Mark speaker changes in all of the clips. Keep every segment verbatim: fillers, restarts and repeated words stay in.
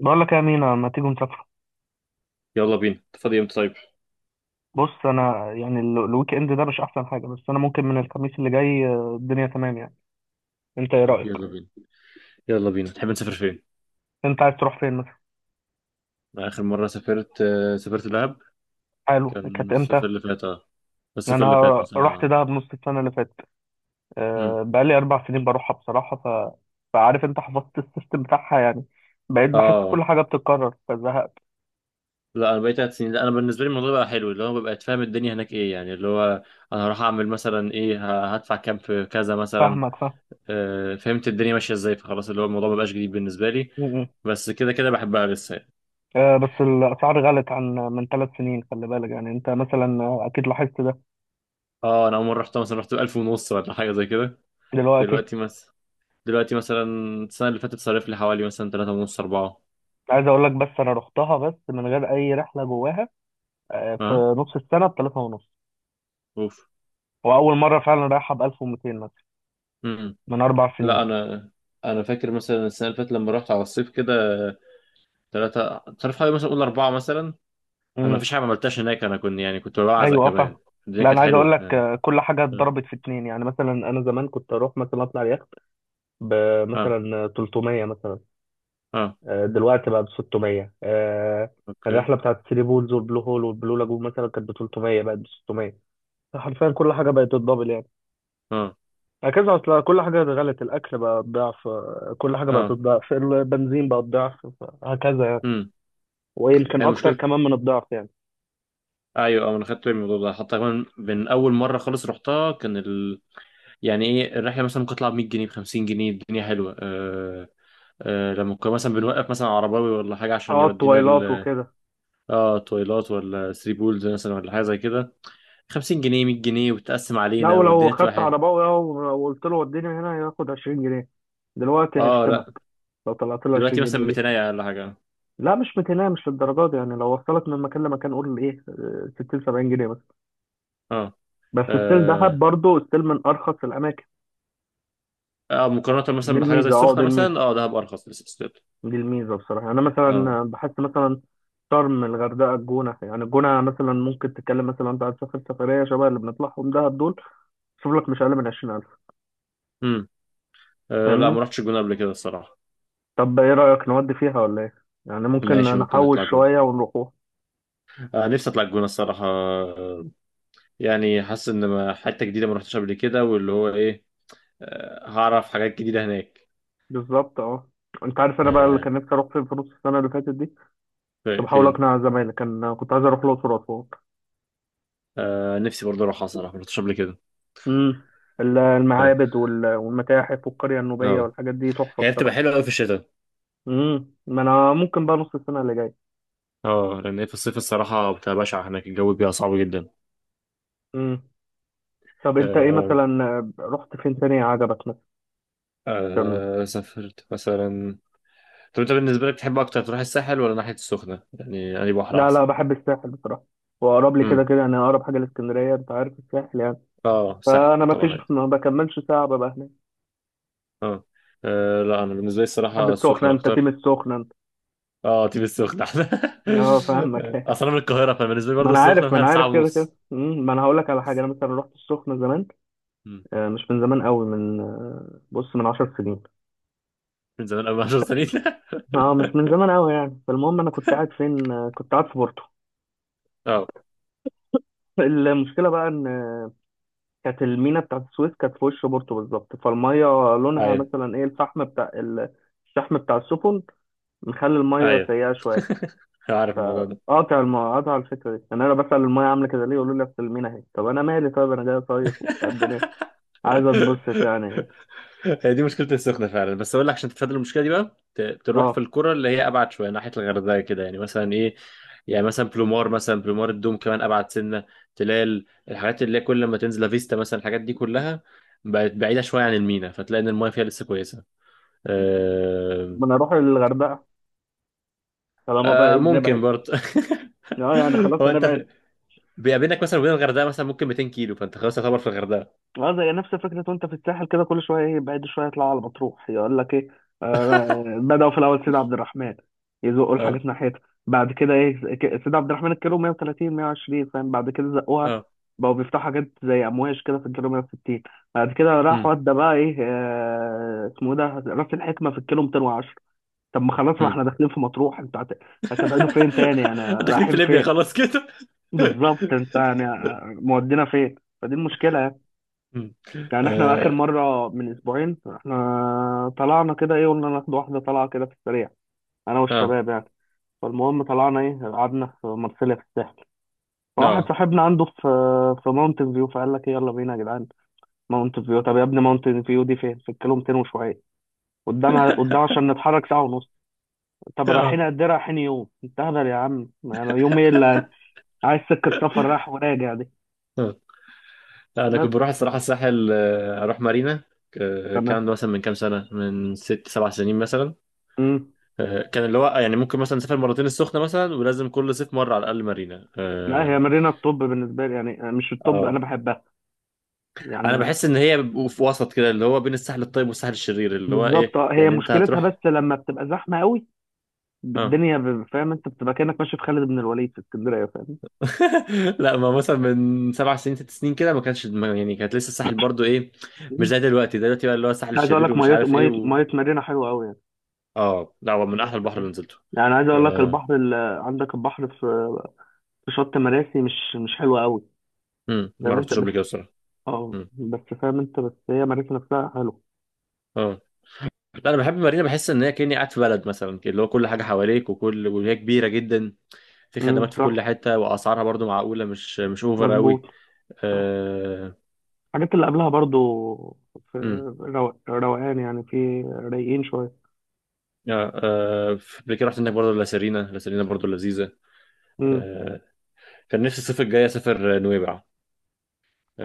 Speaker 1: بقول لك يا مينا ما تيجوا نسافر.
Speaker 2: يلا بينا، انت فاضي امتى؟ طيب.
Speaker 1: بص، انا يعني ال- الويك اند ده مش احسن حاجه، بس انا ممكن من الخميس اللي جاي. آه، الدنيا تمام يعني. انت ايه
Speaker 2: طب
Speaker 1: رايك؟
Speaker 2: يلا بينا. يلا بينا، تحب نسافر فين؟
Speaker 1: انت عايز تروح فين مثلا؟
Speaker 2: أنا اخر مره سافرت آه، سافرت دهب.
Speaker 1: حلو،
Speaker 2: كان
Speaker 1: كانت
Speaker 2: الصيف
Speaker 1: امتى؟
Speaker 2: اللي فات. اه. الصيف اللي
Speaker 1: انا
Speaker 2: فات مثلا.
Speaker 1: رحت
Speaker 2: اه.
Speaker 1: دهب نص السنه اللي فاتت.
Speaker 2: امم.
Speaker 1: آه، بقالي اربع سنين بروحها بصراحه ف... فعارف انت، حفظت السيستم بتاعها يعني. بقيت بحس كل
Speaker 2: اه.
Speaker 1: حاجه بتتكرر فزهقت.
Speaker 2: لا انا بقيت تلات سنين. لا انا بالنسبه لي الموضوع بقى حلو، اللي هو ببقى فاهم الدنيا هناك ايه، يعني اللي هو انا هروح اعمل مثلا ايه، ه- هدفع كام في كذا مثلا.
Speaker 1: فاهمك فاهم.
Speaker 2: آه، فهمت الدنيا ماشيه ازاي، فخلاص اللي هو الموضوع مبقاش جديد بالنسبه لي.
Speaker 1: م- م.
Speaker 2: بس كده كده بحبها لسه يعني.
Speaker 1: آه، بس الاسعار غلت عن من ثلاث سنين، خلي بالك يعني. انت مثلا آه، اكيد لاحظت ده
Speaker 2: اه، انا اول مره رحتها مثلا رحت ب ألف ونص ولا حاجه زي كده.
Speaker 1: دلوقتي.
Speaker 2: دلوقتي مثلا. دلوقتي مثلا. السنة اللي فاتت صرف لي حوالي مثلا تلاتة ونص أربعة.
Speaker 1: عايز اقول لك، بس انا رحتها بس من غير اي رحله جواها آه، في
Speaker 2: ها.
Speaker 1: نص السنه بثلاثة ونص،
Speaker 2: أوف.
Speaker 1: واول مره فعلا رايحه ب ألف ومياتين مثلا
Speaker 2: امم.
Speaker 1: من اربع
Speaker 2: لا
Speaker 1: سنين.
Speaker 2: أنا أنا فاكر مثلا السنة اللي فاتت لما رحت على الصيف كده. تلاتة، صرف حوالي مثلا أقول أربعة مثلا. أنا
Speaker 1: امم،
Speaker 2: مفيش حاجة ما عملتهاش هناك، أنا كنت يعني كنت بعزق
Speaker 1: ايوه آه،
Speaker 2: كمان.
Speaker 1: فاهم.
Speaker 2: الدنيا
Speaker 1: لا
Speaker 2: كانت
Speaker 1: انا عايز اقول
Speaker 2: حلوة.
Speaker 1: لك
Speaker 2: آه.
Speaker 1: آه، كل حاجه
Speaker 2: آه.
Speaker 1: اتضربت في اتنين. يعني مثلا انا زمان كنت اروح مثلا اطلع اليخت
Speaker 2: آه.
Speaker 1: بمثلا ثلاثمية مثلا،
Speaker 2: آه.
Speaker 1: آه، دلوقتي بقى ب ستمية. آه،
Speaker 2: أوكي.
Speaker 1: الرحله بتاعت الثري بولز والبلو هول والبلو لاجون مثلا كانت ب ثلاثمية بقت ب ستمية. حرفيا كل حاجه بقت تتضبل،
Speaker 2: آه.
Speaker 1: هكذا. اصل كل حاجة غلت، الأكل بقى بضعف، كل حاجة بقت
Speaker 2: آه.
Speaker 1: بضعف، البنزين بقى بضعف، هكذا يعني،
Speaker 2: امم.
Speaker 1: ويمكن
Speaker 2: هي
Speaker 1: أكتر
Speaker 2: مشكلة.
Speaker 1: كمان من الضعف يعني.
Speaker 2: أيوة، آه، أنا خدت بالي من الموضوع ده حتى كمان من أول مرة خالص رحتها كان ال... يعني إيه الرحلة مثلا ممكن تطلع ب مية جنيه ب خمسين جنيه؟ الدنيا حلوة آه. آه، لما كنا مثلا بنوقف مثلا عرباوي ولا حاجة عشان
Speaker 1: اه
Speaker 2: يودينا
Speaker 1: التويلات
Speaker 2: ال...
Speaker 1: وكده.
Speaker 2: اه تويلات ولا ثري بولز مثلا ولا حاجة زي كده. خمسين جنيه، مية جنيه، وتقسم
Speaker 1: لا
Speaker 2: علينا
Speaker 1: ولو
Speaker 2: والدنيا تبقى
Speaker 1: خدت
Speaker 2: حلوة.
Speaker 1: عرباوي أهو وقلت له وديني هنا، ياخد عشرين جنيه. دلوقتي
Speaker 2: اه.
Speaker 1: هيشتمك
Speaker 2: لا
Speaker 1: لو طلعت له
Speaker 2: دلوقتي
Speaker 1: 20
Speaker 2: مثلا
Speaker 1: جنيه دي.
Speaker 2: ميتين ولا حاجة.
Speaker 1: لا مش ميتين، مش للدرجة دي يعني. لو وصلك من مكان لمكان قول ايه آه، ستين سبعين جنيه بس.
Speaker 2: اه.
Speaker 1: بس ستيل دهب
Speaker 2: اه.
Speaker 1: برضه ستيل من أرخص الأماكن.
Speaker 2: آه، مقارنة
Speaker 1: دي
Speaker 2: مثلا بحاجة زي
Speaker 1: الميزة، اه دي
Speaker 2: السخنة
Speaker 1: الميزة،
Speaker 2: مثلا، اه دهب أرخص لسه ستيل.
Speaker 1: دي الميزة بصراحة. أنا
Speaker 2: اه.
Speaker 1: مثلا بحس مثلا شرم، الغردقة، الجونة، يعني الجونة مثلا ممكن تتكلم مثلا، أنت هتسافر سفرية شبه اللي بنطلعهم دهب دول، شوف لك مش أقل من عشرين ألف.
Speaker 2: امم. آه، لا
Speaker 1: فاهمني؟
Speaker 2: ما رحتش الجونة قبل كده الصراحة.
Speaker 1: طب إيه رأيك نودي فيها ولا إيه؟ يعني ممكن
Speaker 2: ماشي، ممكن
Speaker 1: نحوش
Speaker 2: نطلع الجونة.
Speaker 1: شوية ونروحوها.
Speaker 2: آه، نفسي أطلع الجونة الصراحة. آه، يعني حاسس إن ما- حتة جديدة ما رحتش قبل كده، واللي هو إيه، آه هعرف حاجات جديدة هناك.
Speaker 1: بالظبط أه. أنت عارف أنا بقى اللي
Speaker 2: آه،
Speaker 1: كان نفسي أروح فين في نص السنة اللي فاتت دي؟ كنت
Speaker 2: في-
Speaker 1: بحاول
Speaker 2: فين.
Speaker 1: أقنع زمايلي، كان كنت عايز أروح الأقصر وأسوان.
Speaker 2: آه، نفسي برضه اروحها صراحه، ما رحتش قبل كده.
Speaker 1: أمم، ال-
Speaker 2: اه.
Speaker 1: المعابد وال- والمتاحف والقرية النوبية
Speaker 2: آه.
Speaker 1: والحاجات دي تحفة
Speaker 2: هي بتبقى
Speaker 1: بصراحة.
Speaker 2: حلوه قوي في الشتاء.
Speaker 1: أمم، ما أنا ممكن بقى نص السنة اللي جاية.
Speaker 2: اه، لان هي في الصيف الصراحه بتبقى بشعه هناك، الجو بيبقى صعب جدا.
Speaker 1: امم. طب انت ايه
Speaker 2: آه.
Speaker 1: مثلا، رحت فين تاني عجبك مثلا؟
Speaker 2: آه سافرت مثلا. طب انت بالنسبه لك تحب اكتر تروح الساحل ولا ناحيه السخنه؟ يعني انهي بحر
Speaker 1: لا
Speaker 2: احسن؟
Speaker 1: لا بحب الساحل بصراحه، واقرب لي كده
Speaker 2: امم.
Speaker 1: كده. انا اقرب حاجه لاسكندريه، انت عارف، الساحل يعني.
Speaker 2: اه الساحل
Speaker 1: فانا ما فيش
Speaker 2: طبعا، أيوة.
Speaker 1: ما بكملش ساعه ببقى هناك.
Speaker 2: آه، لا انا بالنسبه لي
Speaker 1: بحب
Speaker 2: الصراحه
Speaker 1: السخنه،
Speaker 2: السخنه
Speaker 1: انت تيم
Speaker 2: اكتر.
Speaker 1: السخنه انت.
Speaker 2: اه، تيجي السخنه احسن.
Speaker 1: اه فاهمك
Speaker 2: اصلا أنا من القاهره، فبالنسبه لي
Speaker 1: ما
Speaker 2: برضه
Speaker 1: انا
Speaker 2: السخنه
Speaker 1: عارف ما
Speaker 2: مثلا
Speaker 1: انا
Speaker 2: ساعه
Speaker 1: عارف كده كده،
Speaker 2: ونص.
Speaker 1: مم، ما انا هقول لك على حاجه.
Speaker 2: بس-
Speaker 1: انا مثلا رحت السخنه زمان،
Speaker 2: مم.
Speaker 1: آه، مش من زمان قوي، من آه، بص من 10 سنين.
Speaker 2: من زمان قوي عشرة سنين
Speaker 1: اه مش من زمان قوي يعني. فالمهم انا كنت قاعد فين، آه، كنت قاعد في بورتو.
Speaker 2: اه.
Speaker 1: المشكله بقى ان كانت المينا بتاعت السويس كانت في وش بورتو بالظبط، فالميه لونها
Speaker 2: ايوه،
Speaker 1: مثلا ايه، الفحم بتاع ال- الشحم بتاع السفن، مخلي الميه
Speaker 2: ايوه.
Speaker 1: سيئه شويه.
Speaker 2: أنا عارف الموضوع ده.
Speaker 1: فقاطع الم... قاطع الفكره دي يعني. انا بسال الميه عامله كده ليه، يقولوا لي اصل المينا اهي. طب انا مالي؟ طيب انا جاي صيف وبتاع الدنيا، عايز اتبسط يعني.
Speaker 2: هي دي مشكلة السخنة فعلا. بس أقول لك عشان تتفادى المشكلة دي بقى، ت- تروح في
Speaker 1: اه
Speaker 2: القرى اللي هي أبعد شوية ناحية الغردقة كده، يعني مثلا إيه، يعني مثلا بلومار، مثلا بلومار الدوم كمان أبعد سنة، تلال، الحاجات اللي هي كل ما تنزل لافيستا مثلا، الحاجات دي كلها بقت بعيدة شوية عن المينا، فتلاقي إن المايه فيها لسه كويسة.
Speaker 1: طب
Speaker 2: آه.
Speaker 1: ما انا اروح للغردقه طالما بقى
Speaker 2: آه
Speaker 1: ايه
Speaker 2: ممكن
Speaker 1: بنبعد.
Speaker 2: برضه.
Speaker 1: اه يعني خلاص
Speaker 2: هو أنت
Speaker 1: هنبعد.
Speaker 2: في... بيقابلك مثلا وبين الغردقة مثلا ممكن ميتين كيلو، فأنت خلاص تعتبر في الغردقة.
Speaker 1: اه زي نفس فكرة وانت في الساحل كده، كل شوية ايه، بعد شوية يطلعوا على مطروح يقول لك ايه. آه، بدأوا في الأول سيد عبد الرحمن، يزقوا
Speaker 2: أه.
Speaker 1: الحاجات ناحيتها. بعد كده ايه، ك- سيد عبد الرحمن الكيلو مائة وثلاثين مائة وعشرين فاهم. بعد كده زقوها،
Speaker 2: أه.
Speaker 1: بقوا بيفتحوا حاجات زي أمواج كده في الكيلو مية وستين. بعد كده راح
Speaker 2: أمم.
Speaker 1: ودى بقى ايه، آه اسمه إيه ده، راس الحكمة في الكيلو ميتين وعشرة. طب ما خلاص ما
Speaker 2: أمم.
Speaker 1: احنا داخلين في مطروح، انت هت- هتبعدوا فين تاني يعني،
Speaker 2: داخلين في
Speaker 1: رايحين
Speaker 2: ليبيا
Speaker 1: فين؟
Speaker 2: خلاص كده.
Speaker 1: بالظبط. انت يعني آه، مودينا فين؟ فدي المشكلة يعني.
Speaker 2: مم.
Speaker 1: يعني احنا اخر
Speaker 2: اه.
Speaker 1: مره من اسبوعين احنا طلعنا كده ايه، قلنا ناخد واحده طلعه كده في السريع، انا
Speaker 2: اه.
Speaker 1: والشباب يعني. فالمهم طلعنا ايه، قعدنا في مرسيليا في الساحل. فواحد
Speaker 2: اه.
Speaker 1: صاحبنا عنده في في ماونتن فيو، فقال لك ايه يلا بينا يا جدعان. ماونتن فيو؟ طب يا ابني ماونتن فيو دي فين، في الكيلو ميتين وشويه قدامها قدام. عشان نتحرك ساعه ونص. طب
Speaker 2: آه.
Speaker 1: رايحين قد ايه، رايحين يوم، انت هبل يا عم يعني؟ يوم ايه اللي عايز سكه سفر رايح وراجع دي؟
Speaker 2: آه. انا
Speaker 1: بس
Speaker 2: كنت بروح
Speaker 1: ف-
Speaker 2: الصراحه الساحل، آه، اروح مارينا. آه،
Speaker 1: تمام.
Speaker 2: كان مثلا من كام سنه، من ست سبع سنين مثلا.
Speaker 1: مم.
Speaker 2: آه، كان اللي هو يعني ممكن مثلا نسافر مرتين السخنه مثلا، ولازم كل صيف مره على الاقل مارينا.
Speaker 1: لا هي
Speaker 2: اه.
Speaker 1: مارينا الطب بالنسبه لي، يعني مش الطب، انا
Speaker 2: آه.
Speaker 1: بحبها
Speaker 2: انا
Speaker 1: يعني.
Speaker 2: بحس ان هي بيبقوا في وسط كده، اللي هو بين الساحل الطيب والساحل الشرير، اللي هو ايه
Speaker 1: بالظبط، آه، هي
Speaker 2: يعني انت
Speaker 1: مشكلتها بس
Speaker 2: هتروح.
Speaker 1: لما بتبقى زحمه قوي.
Speaker 2: اه.
Speaker 1: الدنيا ب- فاهم انت، بتبقى كانك ماشي في خالد بن الوليد في اسكندريه، فاهم؟
Speaker 2: لا ما مثلا من سبع سنين ست سنين كده ما كانش ما- يعني كانت لسه الساحل برضو ايه، مش
Speaker 1: مم.
Speaker 2: زي دلوقتي. دلوقتي بقى اللي هو الساحل
Speaker 1: عايز اقول
Speaker 2: الشرير
Speaker 1: لك،
Speaker 2: ومش
Speaker 1: ميه
Speaker 2: عارف ايه
Speaker 1: ميه
Speaker 2: و...
Speaker 1: ميه، مارينا حلوه قوي يعني.
Speaker 2: اه لا، هو من
Speaker 1: بس
Speaker 2: احلى البحر
Speaker 1: كده.
Speaker 2: اللي نزلته.
Speaker 1: يعني عايز اقول لك
Speaker 2: آه.
Speaker 1: البحر اللي عندك، البحر في في شط مراسي مش مش حلو قوي.
Speaker 2: مم. ما
Speaker 1: فاهم انت؟
Speaker 2: رحتوش
Speaker 1: بس
Speaker 2: قبل كده الصراحه.
Speaker 1: اه،
Speaker 2: مم.
Speaker 1: بس فاهم انت، بس هي مراسي نفسها حلو.
Speaker 2: اه لا، انا بحب مارينا، بحس ان هي كاني قاعد في بلد مثلا كده، اللي هو كل حاجه حواليك، وكل، وهي كبيره جدا، في
Speaker 1: امم،
Speaker 2: خدمات في
Speaker 1: صح،
Speaker 2: كل حته، واسعارها برضو معقوله، مش مش اوفر قوي.
Speaker 1: مظبوط، صح.
Speaker 2: آه.
Speaker 1: الحاجات اللي قبلها برضو في
Speaker 2: مم.
Speaker 1: رو- روقان يعني، في رايقين شويه.
Speaker 2: اه. آه، قبل كده رحت هناك برضه لسيرينا لسيرينا برضه لذيذه.
Speaker 1: امم.
Speaker 2: آه. كان نفسي الصيف الجاي اسافر نويبع.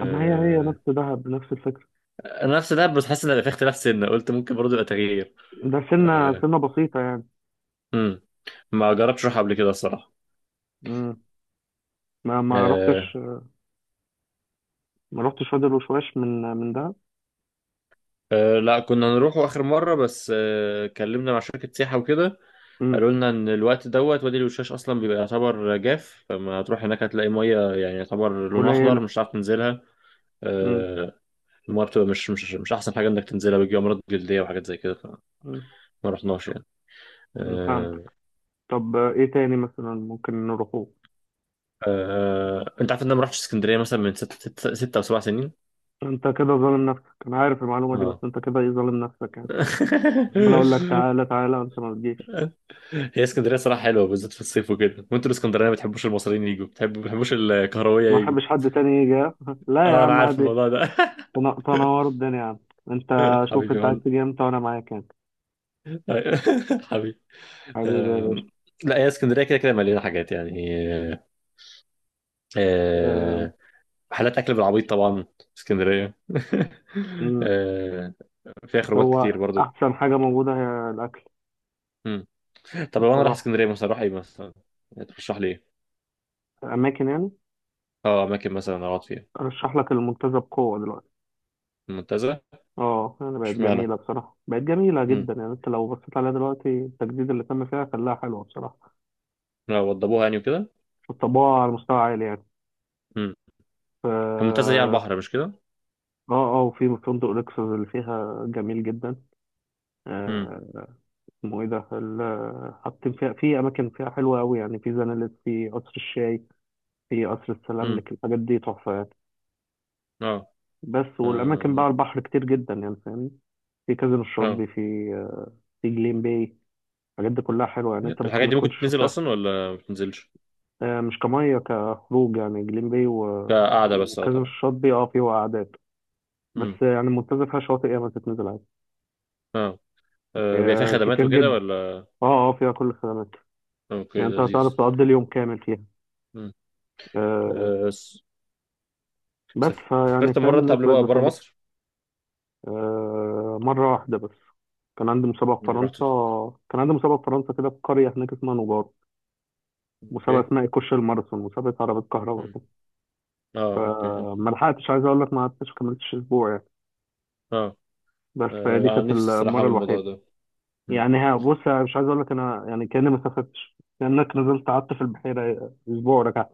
Speaker 1: طب ما هي هي نفس دهب، نفس الفكره.
Speaker 2: انا نفس ده، بس حاسس ان في اختلاف سنه، قلت ممكن برضه يبقى تغيير.
Speaker 1: ده سنة
Speaker 2: أه.
Speaker 1: سنة بسيطة يعني.
Speaker 2: مم. ما جربتش اروح قبل كده الصراحه.
Speaker 1: مم. ما ما رحتش،
Speaker 2: أه.
Speaker 1: ما رحتش وادي الوشواش من من ده.
Speaker 2: أه. لا كنا نروحوا اخر مره، بس أه... كلمنا مع شركه سياحه وكده.
Speaker 1: مم.
Speaker 2: قالوا لنا ان الوقت دوت وادي الوشاش اصلا بيبقى يعتبر جاف، فما هتروح هناك هتلاقي ميه يعني يعتبر لونها اخضر،
Speaker 1: قليلة.
Speaker 2: مش هتعرف تنزلها.
Speaker 1: مم.
Speaker 2: أه. الميه بتبقى مش مش مش احسن حاجه انك تنزلها، بيجي امراض جلديه وحاجات زي كده فما
Speaker 1: مم.
Speaker 2: رحناش يعني.
Speaker 1: مم،
Speaker 2: أه.
Speaker 1: فهمتك. طب آه، ايه تاني مثلا ممكن نروحوه؟
Speaker 2: أه. آه، انت عارف ان انا ما رحتش اسكندريه مثلا من ست ست, ست او سبع سنين.
Speaker 1: انت كده ظالم نفسك، انا عارف المعلومة دي، بس
Speaker 2: اه.
Speaker 1: انت كده ايه، ظالم نفسك يعني. عمال اقول لك تعالى تعالى، انت ما بتجيش.
Speaker 2: هي اسكندريه صراحه حلوه بالذات في الصيف وكده، وانتوا الاسكندرانيه ما بتحبوش المصريين يجوا، بتحبوا ما بتحبوش
Speaker 1: ما
Speaker 2: الكهرويه يجوا.
Speaker 1: احبش حد تاني يجي ها؟ لا يا
Speaker 2: اه، انا
Speaker 1: عم
Speaker 2: عارف
Speaker 1: عادي.
Speaker 2: الموضوع ده.
Speaker 1: تن- تنور الدنيا يا عم انت. شوف
Speaker 2: حبيبي
Speaker 1: انت عايز
Speaker 2: مال.
Speaker 1: تيجي امتى وانا معاك يعني.
Speaker 2: حبيبي.
Speaker 1: حبيبي يا باشا.
Speaker 2: آم، لا هي اسكندريه كده كده مليانه حاجات يعني.
Speaker 1: آه،
Speaker 2: آه. محلات اكل بالعبيط طبعا اسكندريه.
Speaker 1: مم.
Speaker 2: آه، فيها خروجات كتير
Speaker 1: هو
Speaker 2: برضو.
Speaker 1: احسن حاجة موجودة هي الاكل
Speaker 2: مم. طب لو انا رايح
Speaker 1: بصراحة.
Speaker 2: اسكندريه مثلا اروح ايه مثلا؟ يعني ترشح لي ايه؟
Speaker 1: اماكن يعني.
Speaker 2: اه، اماكن مثلا اقعد فيها.
Speaker 1: ارشح لك المنتزه بقوه دلوقتي.
Speaker 2: المنتزه.
Speaker 1: اه يعني بقت
Speaker 2: اشمعنى؟
Speaker 1: جميله بصراحه، بقت جميله جدا يعني. انت لو بصيت عليها دلوقتي، التجديد اللي تم فيها خلاها حلوه بصراحه،
Speaker 2: اه، وضبوها يعني وكده.
Speaker 1: والطباعه على مستوى عالي يعني.
Speaker 2: امم.
Speaker 1: ف-
Speaker 2: المنتزه دي على
Speaker 1: اه،
Speaker 2: البحر مش كده؟
Speaker 1: اه. آه، وفي فندق لوكسوس اللي فيها جميل جدا.
Speaker 2: امم.
Speaker 1: آه، اسمه ايه ده، ال- حاطين فيها، في اماكن فيها حلوه قوي يعني، في زنالت، في قصر الشاي، في قصر
Speaker 2: امم.
Speaker 1: السلاملك، الحاجات دي تحفه يعني.
Speaker 2: اه.
Speaker 1: بس والاماكن بقى على
Speaker 2: اه.
Speaker 1: البحر كتير جدا يعني، فاهمني. في كازينو
Speaker 2: آه.
Speaker 1: الشاطبي، في آه، في جليم باي، الحاجات دي كلها حلوة يعني، انت ممكن
Speaker 2: الحاجات
Speaker 1: ما
Speaker 2: دي
Speaker 1: تكونش
Speaker 2: ممكن تنزل
Speaker 1: شفتها.
Speaker 2: اصلا ولا ما بتنزلش؟
Speaker 1: آه، مش كمية كخروج يعني، جليم باي و...
Speaker 2: كقعده بس، اه
Speaker 1: وكذا من
Speaker 2: طبعا.
Speaker 1: الشاطئ دي اه، فيه قعدات بس
Speaker 2: امم.
Speaker 1: يعني. المنتزه فيها شواطئ ياما، تتنزل عادي.
Speaker 2: اه. آه، بيبقى فيها
Speaker 1: آه،
Speaker 2: خدمات
Speaker 1: كتير
Speaker 2: وكده
Speaker 1: جدا،
Speaker 2: ولا؟
Speaker 1: اه اه، فيها كل الخدمات.
Speaker 2: اوكي،
Speaker 1: يعني انت
Speaker 2: لذيذ.
Speaker 1: هتعرف تقضي اليوم كامل فيها.
Speaker 2: امم.
Speaker 1: آه،
Speaker 2: آه، س-
Speaker 1: بس فيعني
Speaker 2: سافرت مره
Speaker 1: فاهم،
Speaker 2: انت
Speaker 1: الناس
Speaker 2: قبل
Speaker 1: بقت
Speaker 2: بقى بره
Speaker 1: بتنبسط.
Speaker 2: مصر؟
Speaker 1: آه، مرة واحدة بس. كان عندي مسابقة في
Speaker 2: يعني رحت في...
Speaker 1: فرنسا كان عندي مسابقة في فرنسا كده في قرية هناك اسمها نجار، مسابقة
Speaker 2: اوكي.
Speaker 1: اسمها إيكوش الماراثون، مسابقة عربية كهرباء
Speaker 2: امم.
Speaker 1: كده.
Speaker 2: اه اوكي
Speaker 1: فما
Speaker 2: انت-
Speaker 1: لحقتش، عايز أقول لك ما قعدتش، كملتش أسبوع
Speaker 2: اه.
Speaker 1: بس.
Speaker 2: آه،
Speaker 1: فدي
Speaker 2: انا
Speaker 1: كانت
Speaker 2: نفسي الصراحه
Speaker 1: المرة
Speaker 2: اعمل الموضوع
Speaker 1: الوحيدة.
Speaker 2: ده. امم.
Speaker 1: يعني ها بص، أنا مش عايز أقول لك، أنا يعني كأني ما سافرتش، كأنك نزلت قعدت في البحيرة أسبوع ورجعت.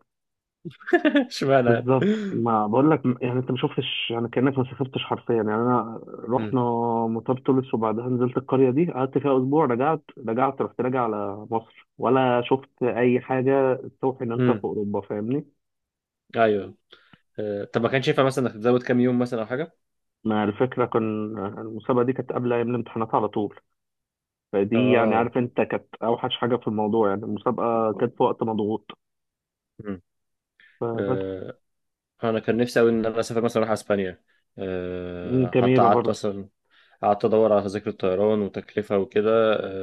Speaker 2: اشمعنى
Speaker 1: بالظبط،
Speaker 2: يعني؟
Speaker 1: ما بقول لك يعني أنت ما شفتش، يعني كأنك ما سافرتش حرفيا يعني. أنا
Speaker 2: امم.
Speaker 1: رحنا مطار تونس، وبعدها نزلت القرية دي، قعدت فيها أسبوع، رجعت. رجعت رحت راجع على مصر، ولا شفت أي حاجة توحي إن أنت في
Speaker 2: امم.
Speaker 1: أوروبا، فاهمني؟
Speaker 2: ايوه. آه، طب ما كانش ينفع مثلا انك تزود كام يوم مثلا او حاجه؟
Speaker 1: ما الفكرة، كان المسابقة دي كانت قبل أيام الامتحانات على طول. فدي يعني،
Speaker 2: اه.
Speaker 1: عارف انت، كانت اوحش حاجه في الموضوع يعني، المسابقه كانت في وقت مضغوط فبس.
Speaker 2: آه، انا كان نفسي قوي ان انا اسافر مثلا اروح اسبانيا.
Speaker 1: مم،
Speaker 2: آه، حتى
Speaker 1: جميلة
Speaker 2: قعدت
Speaker 1: برضه.
Speaker 2: مثلا قعدت ادور على تذاكر الطيران وتكلفه وكده.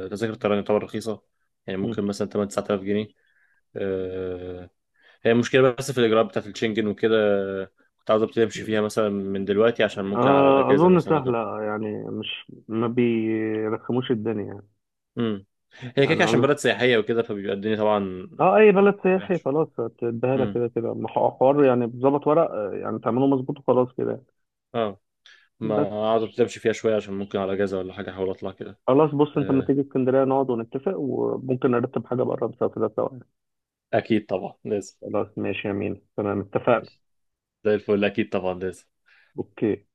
Speaker 2: آه، تذاكر الطيران يعتبر رخيصه، يعني
Speaker 1: مم.
Speaker 2: ممكن مثلا تمانية تسعة آلاف جنيه. آه. هي المشكله بس في الاجراءات بتاعت الشنجن وكده. آه، كنت عاوز ابتدي امشي فيها مثلا من دلوقتي عشان ممكن على
Speaker 1: آه،
Speaker 2: الاجازه
Speaker 1: أظن
Speaker 2: مثلا اجرب.
Speaker 1: سهلة يعني، مش ما بيرخموش الدنيا يعني.
Speaker 2: امم. هي كده
Speaker 1: يعني
Speaker 2: كده عشان
Speaker 1: أظن،
Speaker 2: بلد سياحيه وكده فبيبقى الدنيا طبعا
Speaker 1: اه، اي بلد سياحي
Speaker 2: وحش.
Speaker 1: خلاص هتديها لك
Speaker 2: امم.
Speaker 1: كده كده. ما هو حوار يعني، بظبط ورق آه، يعني تعمله مظبوط وخلاص كده.
Speaker 2: اه، ما
Speaker 1: بس
Speaker 2: اقعد ابتدي امشي فيها شويه عشان ممكن على اجازه ولا حاجه احاول اطلع كده.
Speaker 1: خلاص، بص انت لما
Speaker 2: آه،
Speaker 1: تيجي اسكندريه نقعد ونتفق، وممكن نرتب حاجه بره نسافرها سوا يعني.
Speaker 2: اكيد طبعا لازم.
Speaker 1: خلاص ماشي يا مين، تمام، اتفقنا.
Speaker 2: زي الفل، اكيد طبعا لازم.
Speaker 1: اوكي